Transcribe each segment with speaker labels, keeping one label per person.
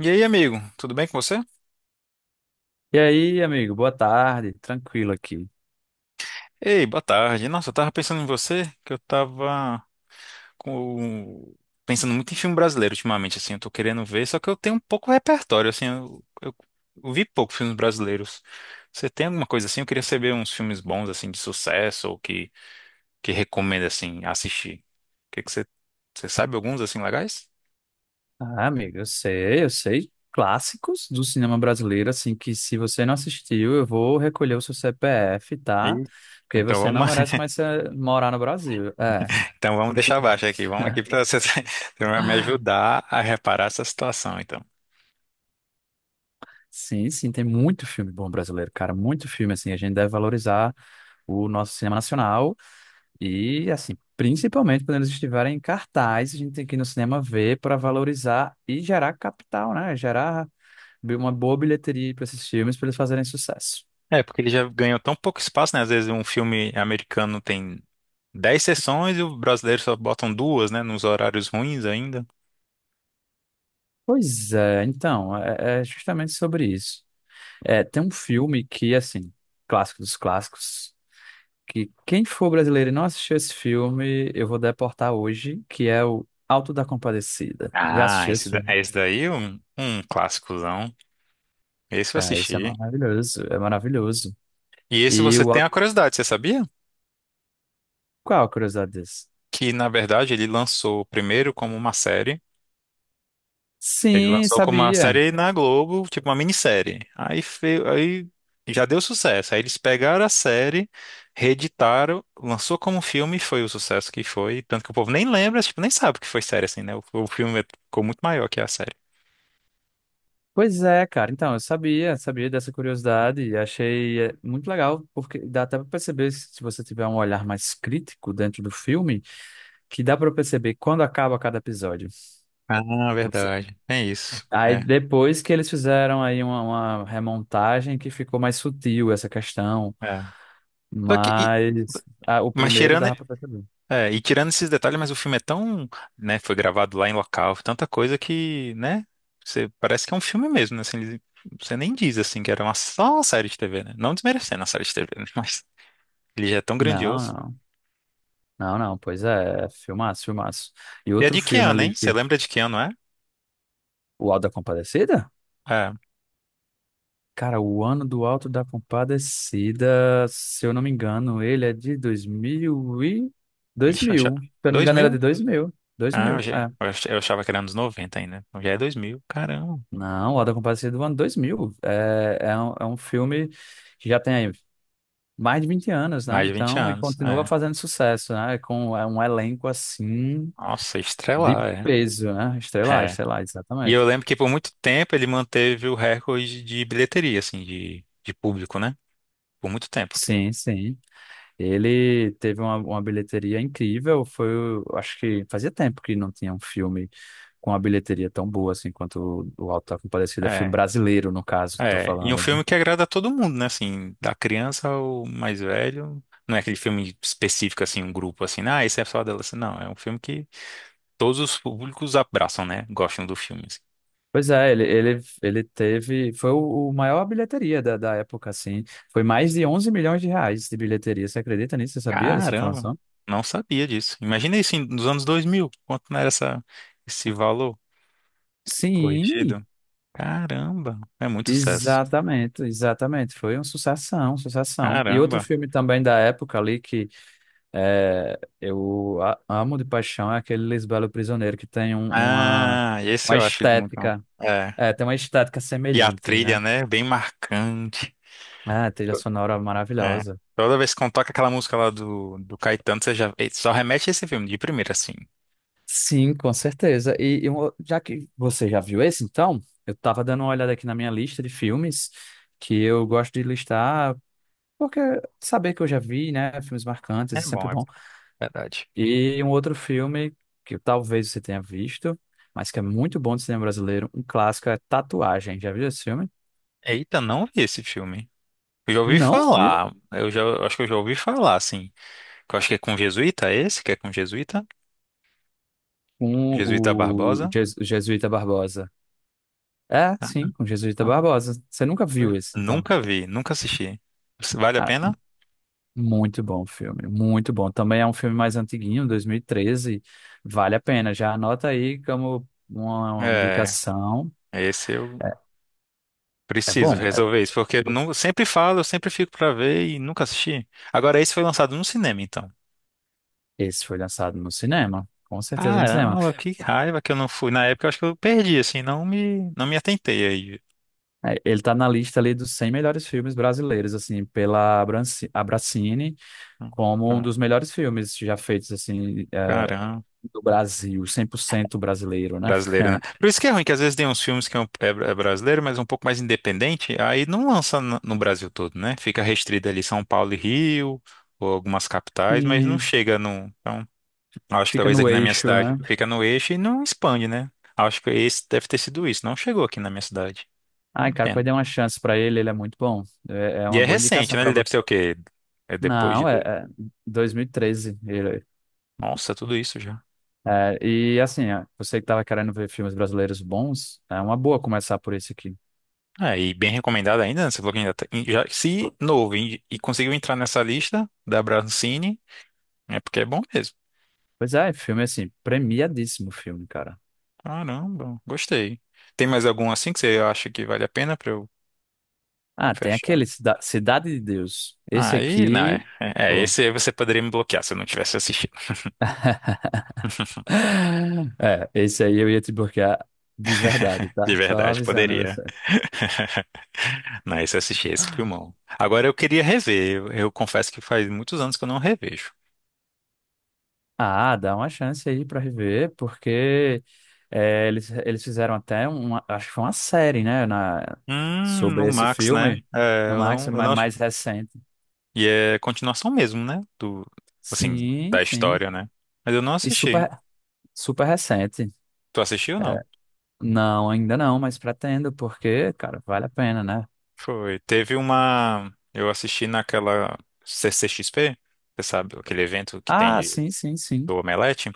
Speaker 1: E aí, amigo, tudo bem com você?
Speaker 2: E aí, amigo, boa tarde, tranquilo aqui.
Speaker 1: Ei, boa tarde. Nossa, eu tava pensando em você, que eu tava com... pensando muito em filme brasileiro ultimamente, assim, eu tô querendo ver, só que eu tenho um pouco repertório, assim, eu vi pouco filmes brasileiros. Você tem alguma coisa assim? Eu queria saber uns filmes bons, assim, de sucesso, ou que recomenda, assim, assistir. O que que você... Você sabe alguns, assim, legais?
Speaker 2: Ah, amigo, eu sei clássicos do cinema brasileiro, assim, que se você não assistiu, eu vou recolher o seu CPF, tá?
Speaker 1: Ih.
Speaker 2: Porque
Speaker 1: Então
Speaker 2: você não
Speaker 1: vamos,
Speaker 2: merece mais morar no Brasil. É,
Speaker 1: então vamos deixar abaixo aqui, vamos aqui pra você, você vai me ajudar a reparar essa situação, então.
Speaker 2: sim, sim, tem muito filme bom brasileiro, cara, muito filme, assim, a gente deve valorizar o nosso cinema nacional e, assim, principalmente quando eles estiverem em cartaz, a gente tem que ir no cinema ver para valorizar e gerar capital, né? Gerar uma boa bilheteria para esses filmes para eles fazerem sucesso.
Speaker 1: É, porque ele já ganhou tão pouco espaço, né? Às vezes um filme americano tem 10 sessões e o brasileiro só botam duas, né? Nos horários ruins ainda.
Speaker 2: Pois é, então, é justamente sobre isso. É, tem um filme que, assim, clássico dos clássicos, que quem for brasileiro e não assistiu esse filme, eu vou deportar hoje, que é o Alto da Compadecida. Já
Speaker 1: Ah,
Speaker 2: assistiu esse
Speaker 1: esse,
Speaker 2: filme?
Speaker 1: esse daí é um clássicozão. Esse eu
Speaker 2: É, esse é
Speaker 1: assisti.
Speaker 2: maravilhoso, é maravilhoso.
Speaker 1: E esse
Speaker 2: E
Speaker 1: você
Speaker 2: o...
Speaker 1: tem
Speaker 2: Alto-
Speaker 1: a curiosidade, você sabia?
Speaker 2: Qual a curiosidade desse?
Speaker 1: Que, na verdade, ele lançou primeiro como uma série. Ele
Speaker 2: Sim,
Speaker 1: lançou como uma
Speaker 2: sabia.
Speaker 1: série na Globo, tipo uma minissérie. Aí, aí já deu sucesso. Aí eles pegaram a série, reeditaram, lançou como um filme e foi o sucesso que foi. Tanto que o povo nem lembra, tipo, nem sabe que foi série assim, né? O filme é, ficou muito maior que a série.
Speaker 2: Pois é, cara. Então, eu sabia dessa curiosidade e achei muito legal, porque dá até para perceber, se você tiver um olhar mais crítico dentro do filme, que dá para perceber quando acaba cada episódio.
Speaker 1: Ah,
Speaker 2: Você-
Speaker 1: verdade. É isso.
Speaker 2: Aí
Speaker 1: É.
Speaker 2: depois que eles fizeram aí uma remontagem que ficou mais sutil essa questão,
Speaker 1: É. Só que,
Speaker 2: mas o
Speaker 1: mas
Speaker 2: primeiro
Speaker 1: tirando,
Speaker 2: dava para perceber.
Speaker 1: é, e tirando esses detalhes, mas o filme é tão, né, foi gravado lá em local, tanta coisa que, né, você parece que é um filme mesmo, né, assim, ele- você nem diz, assim, que era uma, só uma série de TV, né, não desmerecendo a série de TV, né, mas ele já é tão
Speaker 2: Não,
Speaker 1: grandioso.
Speaker 2: não, não, não. Pois é, filmaço, filmaço. E
Speaker 1: E é
Speaker 2: outro
Speaker 1: de que
Speaker 2: filme
Speaker 1: ano,
Speaker 2: ali,
Speaker 1: hein? Você
Speaker 2: que-
Speaker 1: lembra de que ano, é?
Speaker 2: O Auto da Compadecida?
Speaker 1: É,
Speaker 2: Cara, o ano do Alto da Compadecida, se eu não me engano, ele é de 2000 e
Speaker 1: ixi, eu já,
Speaker 2: 2000. Se eu não me engano, era
Speaker 1: 2000?
Speaker 2: de dois mil dois
Speaker 1: Ah, eu,
Speaker 2: mil,
Speaker 1: já-
Speaker 2: é.
Speaker 1: eu achava que era anos 90 ainda, então já é 2000? Caramba,
Speaker 2: Não, o Alto da Compadecida é do ano 2000. É um filme que já tem aí mais de 20 anos, né?
Speaker 1: mais de 20
Speaker 2: Então, e
Speaker 1: anos,
Speaker 2: continua
Speaker 1: é.
Speaker 2: fazendo sucesso, né? Com é um elenco assim
Speaker 1: Nossa,
Speaker 2: de
Speaker 1: estrela, é.
Speaker 2: peso, né? Estelar,
Speaker 1: É.
Speaker 2: estelar,
Speaker 1: E
Speaker 2: exatamente.
Speaker 1: eu lembro que por muito tempo ele manteve o recorde de bilheteria, assim, de público, né? Por muito tempo.
Speaker 2: Sim, sim. Ele teve uma bilheteria incrível, foi, acho que fazia tempo que não tinha um filme com uma bilheteria tão boa assim quanto o Auto da Compadecida, filme
Speaker 1: É,
Speaker 2: brasileiro, no caso, que tô
Speaker 1: é. E um
Speaker 2: falando, né?
Speaker 1: filme que agrada a todo mundo, né? Assim, da criança ao mais velho. Não é aquele filme específico, assim, um grupo, assim, ah, esse é só adolescente. Não, é um filme que todos os públicos abraçam, né? Gostam do filme, assim.
Speaker 2: Pois é, ele teve, foi o maior bilheteria da época, assim, foi mais de 11 milhões de reais de bilheteria, você acredita nisso? Você sabia dessa
Speaker 1: Caramba,
Speaker 2: informação?
Speaker 1: não sabia disso. Imagina isso em- nos anos 2000 quanto não era essa, esse valor
Speaker 2: Sim,
Speaker 1: corrigido. Caramba, é muito sucesso.
Speaker 2: exatamente, exatamente, foi uma sucessão, sucessão. E outro
Speaker 1: Caramba.
Speaker 2: filme também da época ali. É, eu amo de paixão é aquele Lisbelo Prisioneiro que tem um- uma,
Speaker 1: Ah, esse
Speaker 2: uma
Speaker 1: eu acho ele muito bom.
Speaker 2: estética,
Speaker 1: É.
Speaker 2: é, tem uma estética
Speaker 1: E a
Speaker 2: semelhante,
Speaker 1: trilha,
Speaker 2: né?
Speaker 1: né? Bem marcante.
Speaker 2: É, trilha sonora
Speaker 1: É.
Speaker 2: maravilhosa.
Speaker 1: Toda vez que eu toco aquela música lá do, do Caetano, você já ele só remete a esse filme de primeira, assim.
Speaker 2: Sim, com certeza. E já que você já viu esse, então, eu tava dando uma olhada aqui na minha lista de filmes que eu gosto de listar, porque saber que eu já vi, né? Filmes marcantes
Speaker 1: É
Speaker 2: é sempre
Speaker 1: bom, é
Speaker 2: bom.
Speaker 1: verdade.
Speaker 2: E um outro filme que talvez você tenha visto, mas que é muito bom de cinema brasileiro, um clássico é Tatuagem. Já viu esse filme?
Speaker 1: Eita, não vi esse filme. Eu já ouvi
Speaker 2: Não, viu?
Speaker 1: falar. Eu já, eu acho que eu já ouvi falar, assim. Que eu acho que é com jesuíta, é esse que é com jesuíta?
Speaker 2: Com
Speaker 1: Jesuíta
Speaker 2: o
Speaker 1: Barbosa?
Speaker 2: Jesuíta Barbosa. É, sim, com o Jesuíta
Speaker 1: Ah.
Speaker 2: Barbosa. Você nunca viu esse, então.
Speaker 1: Nunca vi, nunca assisti. Vale a
Speaker 2: Cara,
Speaker 1: pena?
Speaker 2: muito bom o filme, muito bom. Também é um filme mais antiguinho, 2013. Vale a pena. Já anota aí como uma
Speaker 1: É,
Speaker 2: indicação.
Speaker 1: esse eu
Speaker 2: É é
Speaker 1: preciso
Speaker 2: bom.
Speaker 1: resolver isso, porque eu não, sempre falo, eu sempre fico pra ver e nunca assisti. Agora, esse foi lançado no cinema, então.
Speaker 2: Esse foi lançado no cinema, com certeza no cinema.
Speaker 1: Caramba, que raiva que eu não fui. Na época, eu acho que eu perdi, assim, não me, não me atentei aí.
Speaker 2: É, ele tá na lista ali dos 100 melhores filmes brasileiros, assim, pela Abracine, como um dos melhores filmes já feitos, assim, é,
Speaker 1: Caramba,
Speaker 2: do Brasil, 100% brasileiro, né?
Speaker 1: brasileiro, né? Por isso que é ruim, que às vezes tem uns filmes que é, é é brasileiro, mas um pouco mais independente, aí não lança no, no Brasil todo, né? Fica restrito ali São Paulo e Rio, ou algumas capitais, mas não
Speaker 2: Sim,
Speaker 1: chega num. Acho que
Speaker 2: fica
Speaker 1: talvez
Speaker 2: no
Speaker 1: aqui na minha
Speaker 2: eixo,
Speaker 1: cidade
Speaker 2: né?
Speaker 1: fica no eixo e não expande, né? Acho que esse deve ter sido isso. Não chegou aqui na minha cidade. É
Speaker 2: Ai,
Speaker 1: uma
Speaker 2: cara,
Speaker 1: pena.
Speaker 2: pode dar uma chance pra ele, ele é muito bom. É
Speaker 1: E
Speaker 2: uma
Speaker 1: é
Speaker 2: boa
Speaker 1: recente,
Speaker 2: indicação
Speaker 1: né?
Speaker 2: pra
Speaker 1: Ele deve
Speaker 2: você.
Speaker 1: ser o quê? É depois de.
Speaker 2: Não, é 2013. Ele,
Speaker 1: Nossa, tudo isso já.
Speaker 2: é, e assim, ó, você que tava querendo ver filmes brasileiros bons, é uma boa começar por esse aqui.
Speaker 1: É, e bem recomendado ainda, né? Você falou que ainda tá... e já, se novo e conseguiu entrar nessa lista da Brancine, é porque é bom mesmo.
Speaker 2: Pois é, filme assim, premiadíssimo filme, cara.
Speaker 1: Caramba, gostei. Tem mais algum assim que você acha que vale a pena pra eu
Speaker 2: Ah, tem
Speaker 1: fechar?
Speaker 2: aquele Cidade de Deus. Esse
Speaker 1: Aí, não,
Speaker 2: aqui. Pô.
Speaker 1: esse aí você poderia me bloquear se eu não tivesse assistido.
Speaker 2: É, esse aí eu ia te bloquear de verdade,
Speaker 1: De
Speaker 2: tá? Só
Speaker 1: verdade,
Speaker 2: avisando você.
Speaker 1: poderia. Não, esse eu assisti, esse filmão. Agora eu queria rever. Eu confesso que faz muitos anos que eu não revejo.
Speaker 2: Ah, dá uma chance aí pra rever, porque eles fizeram até uma, acho que foi uma série, né, na,
Speaker 1: No
Speaker 2: sobre esse
Speaker 1: Max, né?
Speaker 2: filme,
Speaker 1: É,
Speaker 2: no Max,
Speaker 1: eu
Speaker 2: mas
Speaker 1: não.
Speaker 2: mais recente.
Speaker 1: E é continuação mesmo, né? Do, assim,
Speaker 2: Sim,
Speaker 1: da
Speaker 2: sim.
Speaker 1: história, né? Mas eu não
Speaker 2: E
Speaker 1: assisti.
Speaker 2: super, super recente.
Speaker 1: Tu assistiu ou não?
Speaker 2: É, não, ainda não, mas pretendo, porque, cara, vale a pena, né?
Speaker 1: Foi. Teve uma. Eu assisti naquela CCXP, você sabe, aquele evento que tem
Speaker 2: Ah,
Speaker 1: de,
Speaker 2: sim, sim, sim.
Speaker 1: do Omelete.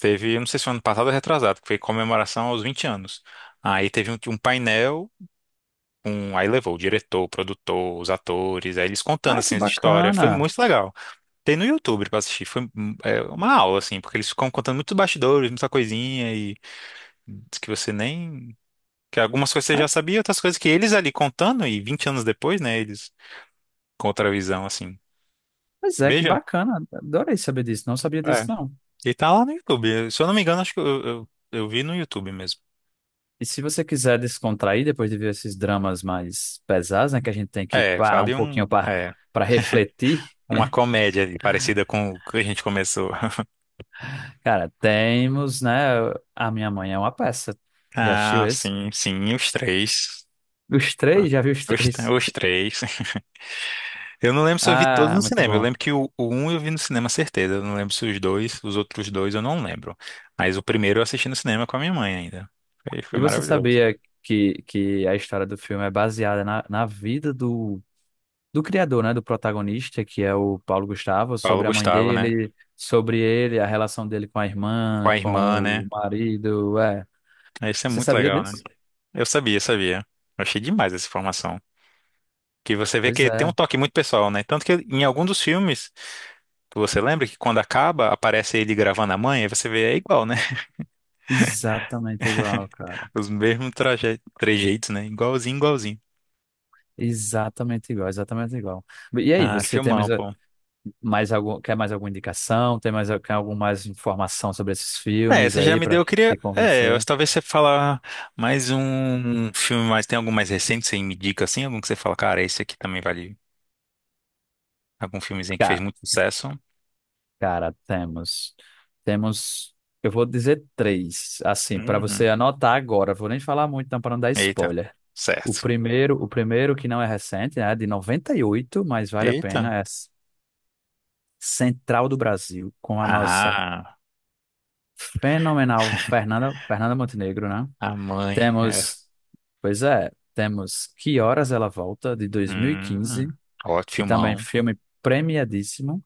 Speaker 1: Teve, eu não sei se foi ano passado ou retrasado, que foi comemoração aos 20 anos. Aí teve um painel. Um, aí levou o diretor, o produtor, os atores, aí eles contando
Speaker 2: Ah, que
Speaker 1: assim as histórias. Foi
Speaker 2: bacana.
Speaker 1: muito legal. Tem no YouTube pra assistir. Foi uma aula assim, porque eles ficam contando muitos bastidores, muita coisinha e diz que você nem, que algumas coisas você
Speaker 2: Ah,
Speaker 1: já sabia, outras coisas que eles ali contando e 20 anos depois, né, eles com outra visão assim.
Speaker 2: pois é, que
Speaker 1: Veja,
Speaker 2: bacana. Adorei saber disso. Não sabia
Speaker 1: é.
Speaker 2: disso, não.
Speaker 1: E tá lá no YouTube. Se eu não me engano, acho que eu vi no YouTube mesmo.
Speaker 2: E se você quiser descontrair depois de ver esses dramas mais pesados, né, que a gente tem que
Speaker 1: É,
Speaker 2: parar um
Speaker 1: fale um,
Speaker 2: pouquinho para
Speaker 1: é,
Speaker 2: para refletir,
Speaker 1: uma comédia ali, parecida com o que a gente começou.
Speaker 2: cara, temos, né? A Minha Mãe é uma peça. Já assistiu
Speaker 1: Ah,
Speaker 2: esse?
Speaker 1: sim, sim, os três.
Speaker 2: Os três? Já viu os
Speaker 1: Os,
Speaker 2: três?
Speaker 1: os três. Eu não lembro se eu vi todos
Speaker 2: Ah,
Speaker 1: no
Speaker 2: muito
Speaker 1: cinema. Eu
Speaker 2: bom.
Speaker 1: lembro que o um eu vi no cinema, certeza. Eu não lembro se os dois, os outros dois eu não lembro. Mas o primeiro eu assisti no cinema com a minha mãe ainda. Foi, foi
Speaker 2: E você
Speaker 1: maravilhoso.
Speaker 2: sabia que a história do filme é baseada na vida do criador, né, do protagonista, que é o Paulo Gustavo,
Speaker 1: Paulo
Speaker 2: sobre a mãe
Speaker 1: Gustavo, né?
Speaker 2: dele, sobre ele, a relação dele com a
Speaker 1: Com
Speaker 2: irmã,
Speaker 1: a
Speaker 2: com
Speaker 1: irmã, né?
Speaker 2: o marido, é.
Speaker 1: Isso é
Speaker 2: Você
Speaker 1: muito
Speaker 2: sabia
Speaker 1: legal, né?
Speaker 2: disso?
Speaker 1: Eu sabia, sabia. Eu achei demais essa informação. Que você vê
Speaker 2: Pois
Speaker 1: que tem um
Speaker 2: é,
Speaker 1: toque muito pessoal, né? Tanto que em algum dos filmes, você lembra que quando acaba, aparece ele gravando a mãe, aí você vê, é igual, né?
Speaker 2: exatamente igual, cara.
Speaker 1: Os mesmos trejeitos, né? Igualzinho, igualzinho.
Speaker 2: Exatamente igual, exatamente igual. E aí,
Speaker 1: Ah,
Speaker 2: você tem mais,
Speaker 1: filmão, pô.
Speaker 2: mais algum, quer mais alguma indicação? Tem mais, quer alguma mais informação sobre esses
Speaker 1: É,
Speaker 2: filmes
Speaker 1: você já
Speaker 2: aí
Speaker 1: me deu,
Speaker 2: para
Speaker 1: eu queria.
Speaker 2: te
Speaker 1: É,
Speaker 2: convencer?
Speaker 1: talvez você falar mais um filme, mas tem algum mais recente, você me indica assim? Algum que você fala, cara, esse aqui também vale. Algum filmezinho que fez muito sucesso?
Speaker 2: Cara, temos. Temos. Eu vou dizer três, assim, para você
Speaker 1: Uhum.
Speaker 2: anotar agora. Vou nem falar muito, não, para não dar
Speaker 1: Eita,
Speaker 2: spoiler. O
Speaker 1: certo.
Speaker 2: primeiro, o primeiro que não é recente, né, é de 98, mas vale a
Speaker 1: Eita.
Speaker 2: pena, é Central do Brasil, com a nossa
Speaker 1: Ah,
Speaker 2: fenomenal Fernanda Montenegro, né?
Speaker 1: a mãe. É.
Speaker 2: Temos, pois é, temos Que Horas Ela Volta, de dois mil e
Speaker 1: Hum,
Speaker 2: quinze,
Speaker 1: ótimo,
Speaker 2: que também é
Speaker 1: filmão.
Speaker 2: filme premiadíssimo.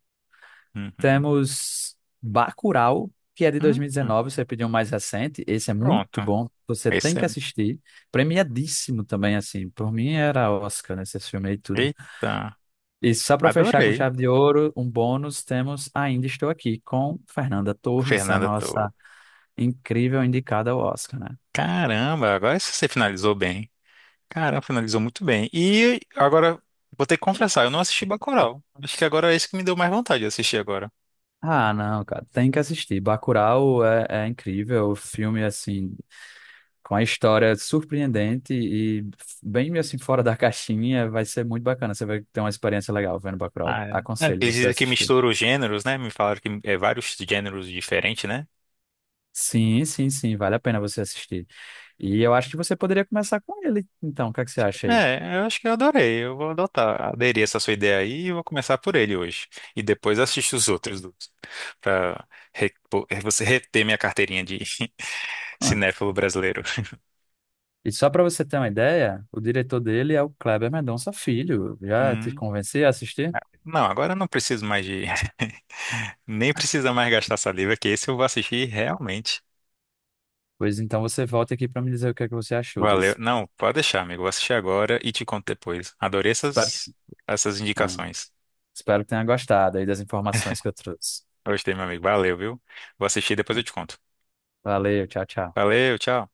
Speaker 1: Uhum.
Speaker 2: Temos Bacurau, que é de
Speaker 1: Hum,
Speaker 2: 2019, você pediu um mais recente. Esse é muito
Speaker 1: pronto.
Speaker 2: bom, você tem
Speaker 1: Esse é.
Speaker 2: que assistir. Premiadíssimo também, assim. Por mim era Oscar, né? Esse filme e tudo.
Speaker 1: Eita,
Speaker 2: E só para fechar com
Speaker 1: adorei.
Speaker 2: chave de ouro, um bônus, temos Ainda Estou Aqui com Fernanda Torres, a
Speaker 1: Fernanda, tô.
Speaker 2: nossa incrível indicada ao Oscar, né?
Speaker 1: Caramba, agora você finalizou bem. Caramba, finalizou muito bem. E agora, vou ter que confessar, eu não assisti Bacurau. Acho que agora é isso que me deu mais vontade de assistir agora.
Speaker 2: Ah, não, cara, tem que assistir. Bacurau é incrível, o filme, assim, com a história surpreendente e bem assim fora da caixinha, vai ser muito bacana. Você vai ter uma experiência legal vendo Bacurau.
Speaker 1: Ah, é. É,
Speaker 2: Aconselho
Speaker 1: eles
Speaker 2: você a
Speaker 1: dizem que
Speaker 2: assistir.
Speaker 1: mistura os gêneros, né? Me falaram que é vários gêneros diferentes, né?
Speaker 2: Sim, sim, sim, vale a pena você assistir. E eu acho que você poderia começar com ele, então, o que é que você acha aí?
Speaker 1: É, eu acho que eu adorei. Eu vou adotar, aderir essa sua ideia aí e vou começar por ele hoje. E depois assisto os outros dois, pra você reter minha carteirinha de
Speaker 2: Mano,
Speaker 1: cinéfilo brasileiro.
Speaker 2: e só para você ter uma ideia, o diretor dele é o Kleber Mendonça Filho. Já te convenci a assistir?
Speaker 1: Não, agora eu não preciso mais de. Nem precisa mais gastar saliva, que esse eu vou assistir realmente.
Speaker 2: Pois então você volta aqui para me dizer o que é que você achou
Speaker 1: Valeu.
Speaker 2: desse.
Speaker 1: Não, pode deixar, amigo. Vou assistir agora e te conto depois. Adorei
Speaker 2: Espero,
Speaker 1: essas, essas
Speaker 2: ah,
Speaker 1: indicações.
Speaker 2: Espero que tenha gostado aí das informações que eu trouxe.
Speaker 1: Gostei, meu amigo. Valeu, viu? Vou assistir e depois eu te conto.
Speaker 2: Valeu, tchau, tchau.
Speaker 1: Valeu, tchau.